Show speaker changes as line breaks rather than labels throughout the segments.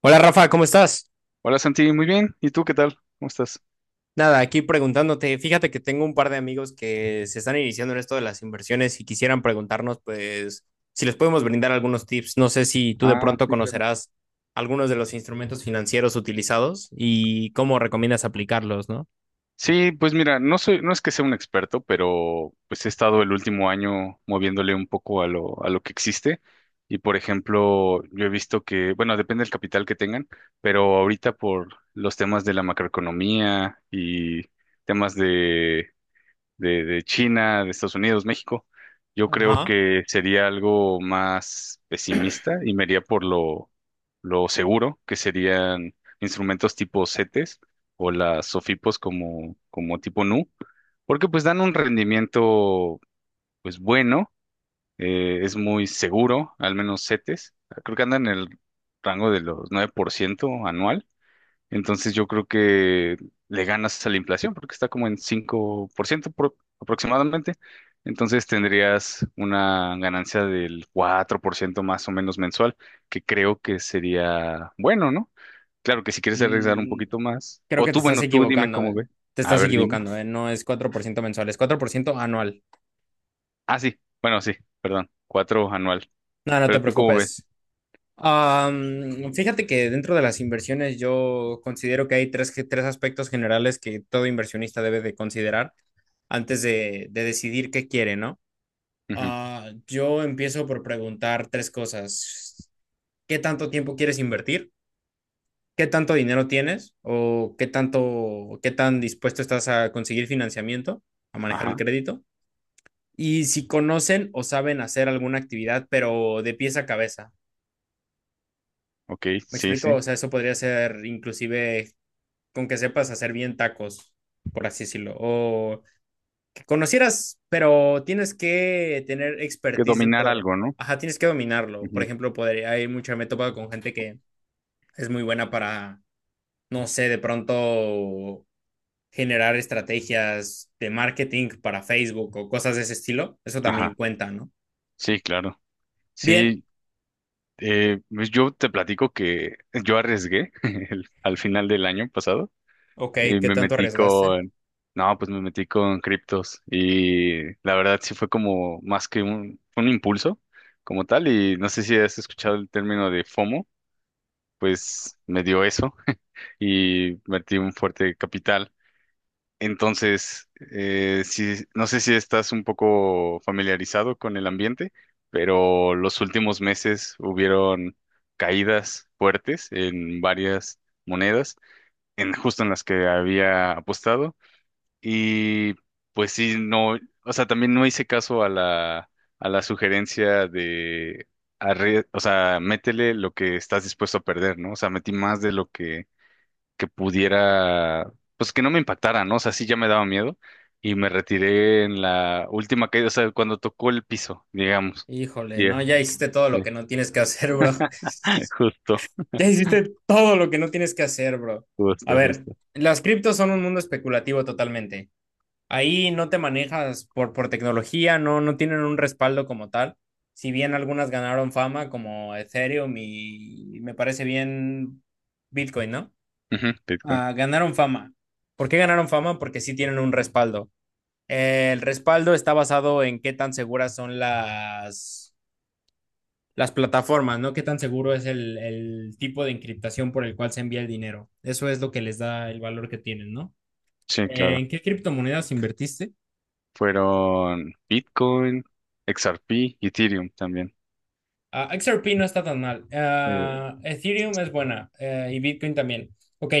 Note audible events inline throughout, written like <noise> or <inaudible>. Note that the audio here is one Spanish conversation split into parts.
Hola Rafa, ¿cómo estás?
Hola Santi, muy bien. ¿Y tú qué tal? ¿Cómo estás?
Nada, aquí preguntándote. Fíjate que tengo un par de amigos que se están iniciando en esto de las inversiones y quisieran preguntarnos, pues, si les podemos brindar algunos tips. No sé si tú de
Ah,
pronto
sí, claro.
conocerás algunos de los instrumentos financieros utilizados y cómo recomiendas aplicarlos, ¿no?
Sí, pues mira, no es que sea un experto, pero pues he estado el último año moviéndole un poco a lo que existe. Y por ejemplo, yo he visto que, bueno, depende del capital que tengan, pero ahorita por los temas de la macroeconomía y temas de China, de Estados Unidos, México, yo creo
Ajá.
que sería algo más pesimista y me iría lo seguro, que serían instrumentos tipo CETES o las SOFIPOS como tipo NU, porque pues dan un rendimiento pues bueno, es muy seguro, al menos CETES, creo que andan en el rango de los 9% anual. Entonces yo creo que le ganas a la inflación porque está como en 5% aproximadamente. Entonces tendrías una ganancia del 4% más o menos mensual, que creo que sería bueno, ¿no? Claro que si quieres arriesgar un
Mm,
poquito más.
creo
O
que te
tú,
estás
bueno, tú dime
equivocando.
cómo ve.
Te
A
estás
ver, dime.
equivocando, ¿eh? No es 4% mensual, es 4% anual.
Ah, sí. Bueno, sí, perdón. Cuatro anual.
No, no te
Pero tú cómo ves.
preocupes. Fíjate que dentro de las inversiones yo considero que hay tres, tres aspectos generales que todo inversionista debe de considerar antes de decidir qué quiere, ¿no?
Ujú.
Yo empiezo por preguntar tres cosas. ¿Qué tanto tiempo quieres invertir? ¿Qué tanto dinero tienes? ¿O qué tanto, qué tan dispuesto estás a conseguir financiamiento, a manejar el
Ajá.
crédito? Y si conocen o saben hacer alguna actividad, pero de pies a cabeza.
Ok,
¿Me
sí,
explico?
sí.
O sea, eso podría ser inclusive con que sepas hacer bien tacos, por así decirlo, o que conocieras, pero tienes que tener
Que
expertise
dominar
dentro.
algo, ¿no?
Ajá, tienes que dominarlo. Por
Ujú.
ejemplo, podría, hay mucha, me he topado con gente que es muy buena para, no sé, de pronto generar estrategias de marketing para Facebook o cosas de ese estilo. Eso también
Ajá.
cuenta, ¿no?
Sí, claro.
Bien,
Sí, eh, pues yo te platico que yo arriesgué <laughs> al final del año pasado
ok,
y
¿qué tanto arriesgaste?
no, pues me metí con criptos y la verdad sí fue como más que un impulso como tal y no sé si has escuchado el término de FOMO, pues me dio eso <laughs> y metí un fuerte capital entonces, sí, no sé si estás un poco familiarizado con el ambiente, pero los últimos meses hubieron caídas fuertes en varias monedas, en justo en las que había apostado. Y pues sí, no, o sea, también no hice caso a la sugerencia de, o sea, métele lo que estás dispuesto a perder, ¿no? O sea, metí más de lo que pudiera, pues que no me impactara, ¿no? O sea, sí ya me daba miedo y me retiré en la última caída, o sea, cuando tocó el piso, digamos.
Híjole,
Yeah,
no, ya hiciste todo lo
sí,
que no tienes que hacer, bro. <laughs>
<laughs> justo,
Ya hiciste todo lo que no tienes que hacer, bro. A
justo,
ver,
justo.
las criptos son un mundo especulativo totalmente. Ahí no te manejas por tecnología, no, no tienen un respaldo como tal. Si bien algunas ganaron fama, como Ethereum y me parece bien Bitcoin, ¿no?
Ujú, Bitcoin.
Ah, ganaron fama. ¿Por qué ganaron fama? Porque sí tienen un respaldo. El respaldo está basado en qué tan seguras son las plataformas, ¿no? ¿Qué tan seguro es el tipo de encriptación por el cual se envía el dinero? Eso es lo que les da el valor que tienen, ¿no?
Sí, claro.
¿En qué criptomonedas invertiste?
Fueron Bitcoin, XRP, Ethereum también.
Ah, XRP no está tan mal.
Eh,
Ah, Ethereum es buena y Bitcoin también. Ok,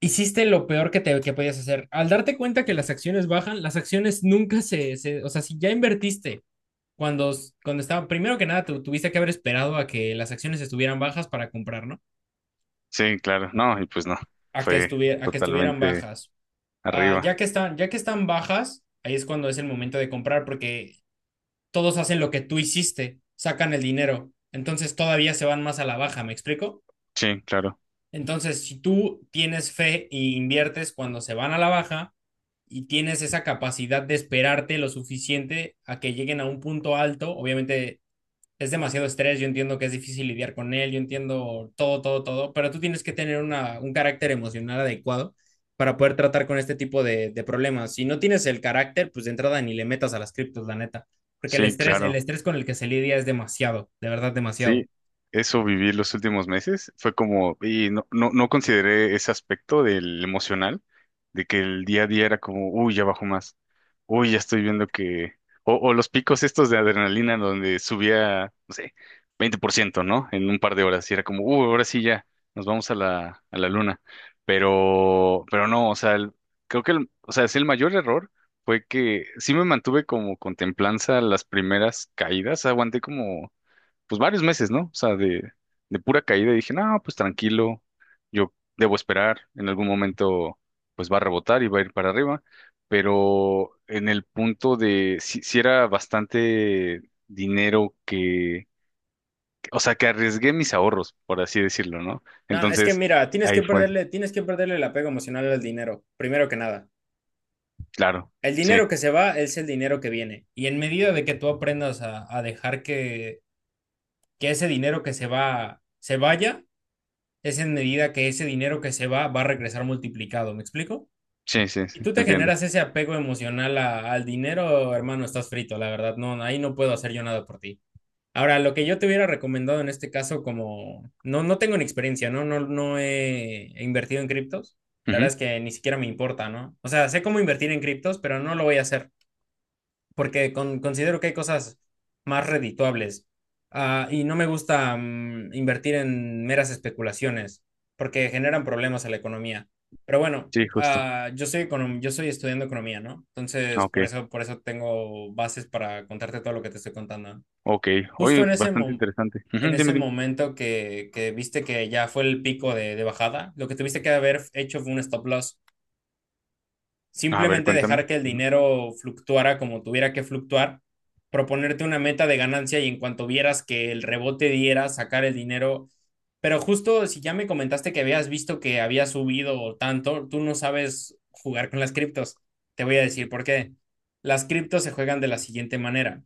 hiciste lo peor que podías hacer. Al darte cuenta que las acciones bajan, las acciones nunca o sea, si ya invertiste cuando, cuando estaba, primero que nada, te tuviste que haber esperado a que las acciones estuvieran bajas para comprar, ¿no?
sí, claro. No, y pues no, fue
A que estuvieran
totalmente
bajas. Ah,
arriba.
ya que están bajas, ahí es cuando es el momento de comprar porque todos hacen lo que tú hiciste, sacan el dinero, entonces todavía se van más a la baja, ¿me explico?
Sí, claro.
Entonces, si tú tienes fe y inviertes cuando se van a la baja y tienes esa capacidad de esperarte lo suficiente a que lleguen a un punto alto, obviamente es demasiado estrés, yo entiendo que es difícil lidiar con él, yo entiendo todo, todo, todo, pero tú tienes que tener un carácter emocional adecuado para poder tratar con este tipo de problemas. Si no tienes el carácter, pues de entrada ni le metas a las criptos, la neta, porque
Sí,
el
claro.
estrés con el que se lidia es demasiado, de verdad demasiado.
Sí, eso viví los últimos meses. Fue como, y no, no, no consideré ese aspecto del emocional, de que el día a día era como, uy, ya bajo más, uy, ya estoy viendo que, o los picos estos de adrenalina donde subía, no sé, 20%, ¿no? En un par de horas, y era como, uy, ahora sí ya, nos vamos a la luna. Pero no, o sea, creo que el, o sea, es el mayor error fue que sí me mantuve como contemplanza las primeras caídas, aguanté como pues varios meses, ¿no? O sea, de pura caída y dije, no, pues tranquilo, yo debo esperar, en algún momento pues va a rebotar y va a ir para arriba, pero en el punto de si era bastante dinero que, o sea, que arriesgué mis ahorros, por así decirlo, ¿no?
No, es que
Entonces,
mira,
ahí fue,
tienes que perderle el apego emocional al dinero, primero que nada.
claro,
El
sí,
dinero que se va es el dinero que viene. Y en medida de que tú aprendas a dejar que ese dinero que se va se vaya, es en medida que ese dinero que se va va a regresar multiplicado, ¿me explico? Y
sí,
tú
te
te
entiendo.
generas ese apego emocional al dinero, hermano, estás frito, la verdad, no, ahí no puedo hacer yo nada por ti. Ahora, lo que yo te hubiera recomendado en este caso, como no, no tengo ni experiencia, ¿no? No, he invertido en criptos. La verdad
Ujú,
es que ni siquiera me importa, ¿no? O sea, sé cómo invertir en criptos, pero no lo voy a hacer porque considero que hay cosas más redituables. Y no me gusta invertir en meras especulaciones, porque generan problemas a la economía. Pero bueno,
sí, justo,
yo soy yo soy estudiando economía, ¿no?
ah,
Entonces,
ok,
por eso tengo bases para contarte todo lo que te estoy contando.
ok,
Justo
oye,
en ese
bastante
mo-
interesante.
En
Ujú, dime,
ese
dime,
momento que viste que ya fue el pico de bajada, lo que tuviste que haber hecho fue un stop loss,
a ver,
simplemente dejar
cuéntame.
que el
Ujú,
dinero fluctuara como tuviera que fluctuar, proponerte una meta de ganancia y en cuanto vieras que el rebote diera, sacar el dinero. Pero justo si ya me comentaste que habías visto que había subido tanto, tú no sabes jugar con las criptos. Te voy a decir por qué. Las criptos se juegan de la siguiente manera.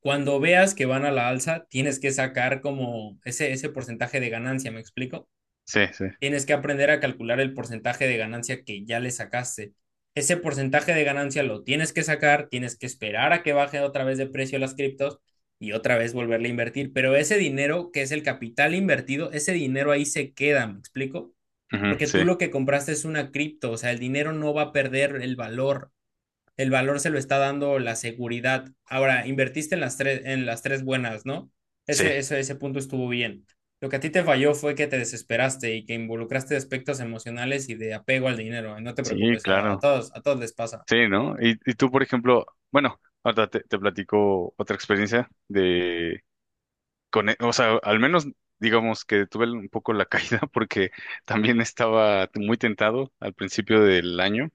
Cuando veas que van a la alza, tienes que sacar como ese porcentaje de ganancia, ¿me explico?
sí, sí,
Tienes que aprender a calcular el porcentaje de ganancia que ya le sacaste. Ese porcentaje de ganancia lo tienes que sacar, tienes que esperar a que baje otra vez de precio las criptos y otra vez volverle a invertir. Pero ese dinero, que es el capital invertido, ese dinero ahí se queda, ¿me explico?
ujú,
Porque
sí.
tú lo que compraste es una cripto, o sea, el dinero no va a perder el valor se lo está dando la seguridad. Ahora, invertiste en las tres buenas, ¿no?
Sí,
Ese punto estuvo bien. Lo que a ti te falló fue que te desesperaste y que involucraste aspectos emocionales y de apego al dinero. No te
sí,
preocupes,
claro.
a todos les pasa.
Sí, ¿no? Y tú, por ejemplo, bueno, ahora te platico otra experiencia o sea, al menos digamos que tuve un poco la caída <laughs> porque también estaba muy tentado al principio del año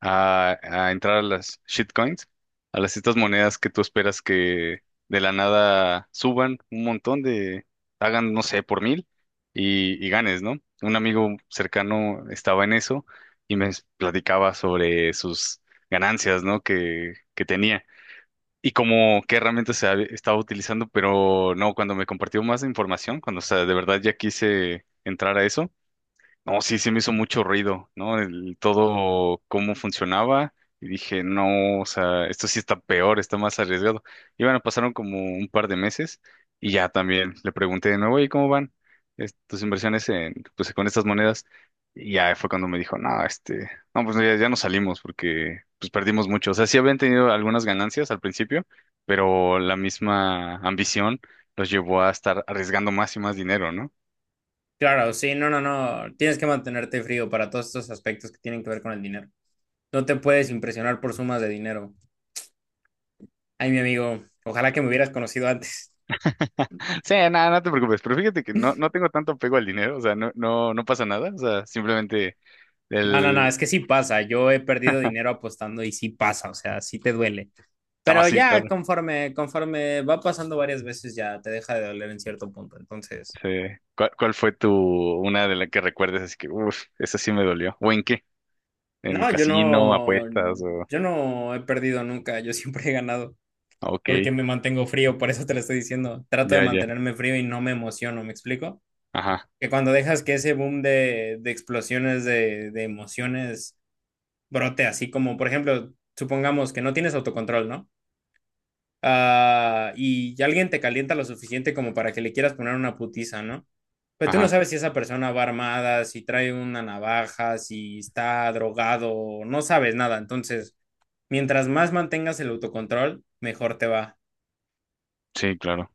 a entrar a las shitcoins, a las estas monedas que tú esperas que de la nada suban un montón de, hagan, no sé, por mil y ganes, ¿no? Un amigo cercano estaba en eso y me platicaba sobre sus ganancias, ¿no? Que tenía y como qué herramientas estaba utilizando, pero no, cuando me compartió más información, cuando o sea, de verdad ya quise entrar a eso, no, sí, sí me hizo mucho ruido, ¿no? El todo cómo funcionaba y dije, no, o sea, esto sí está peor, está más arriesgado. Y bueno, pasaron como un par de meses y ya también le pregunté de nuevo, ¿y cómo van tus inversiones en, pues, con estas monedas? Y ya fue cuando me dijo, no, este, no, pues ya, ya nos salimos porque pues perdimos mucho. O sea, sí habían tenido algunas ganancias al principio, pero la misma ambición los llevó a estar arriesgando más y más dinero, ¿no?
Claro, sí, no, no, no. Tienes que mantenerte frío para todos estos aspectos que tienen que ver con el dinero. No te puedes impresionar por sumas de dinero. Ay, mi amigo, ojalá que me hubieras conocido antes. <laughs>
Sí, nada, no te preocupes, pero fíjate que no, no tengo tanto apego al dinero, o sea, no, no, no pasa nada, o sea, simplemente
No, no, no,
el...
es que sí pasa. Yo he perdido dinero apostando y sí pasa, o sea, sí te duele.
No,
Pero
sí,
ya
claro.
conforme, conforme va pasando varias veces ya te deja de doler en cierto punto. Entonces,
Sí. ¿Cuál, cuál fue tu, una de las que recuerdes? Así que, uff, esa sí me dolió. ¿O en qué? ¿En
no, yo
casino,
no,
apuestas o...?
yo no he perdido nunca, yo siempre he ganado
Ah,
porque
ok,
me mantengo frío, por eso te lo estoy diciendo. Trato de
ya, ya.
mantenerme frío y no me emociono, ¿me explico?
Ajá,
Que cuando dejas que ese boom de explosiones de emociones brote así como, por ejemplo, supongamos que no tienes autocontrol, ¿no? Ah, y alguien te calienta lo suficiente como para que le quieras poner una putiza, ¿no? Pero tú no
ajá.
sabes si esa persona va armada, si trae una navaja, si está drogado, no sabes nada. Entonces, mientras más mantengas el autocontrol, mejor te va.
Sí, claro.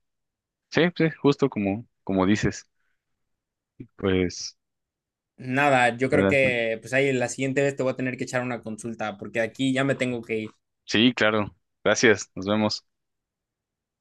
Sí, sí, justo como, como dices. Pues,
Nada, yo creo
ahora-
que pues ahí la siguiente vez te voy a tener que echar una consulta porque aquí ya me tengo que ir.
sí, claro. Gracias, nos vemos.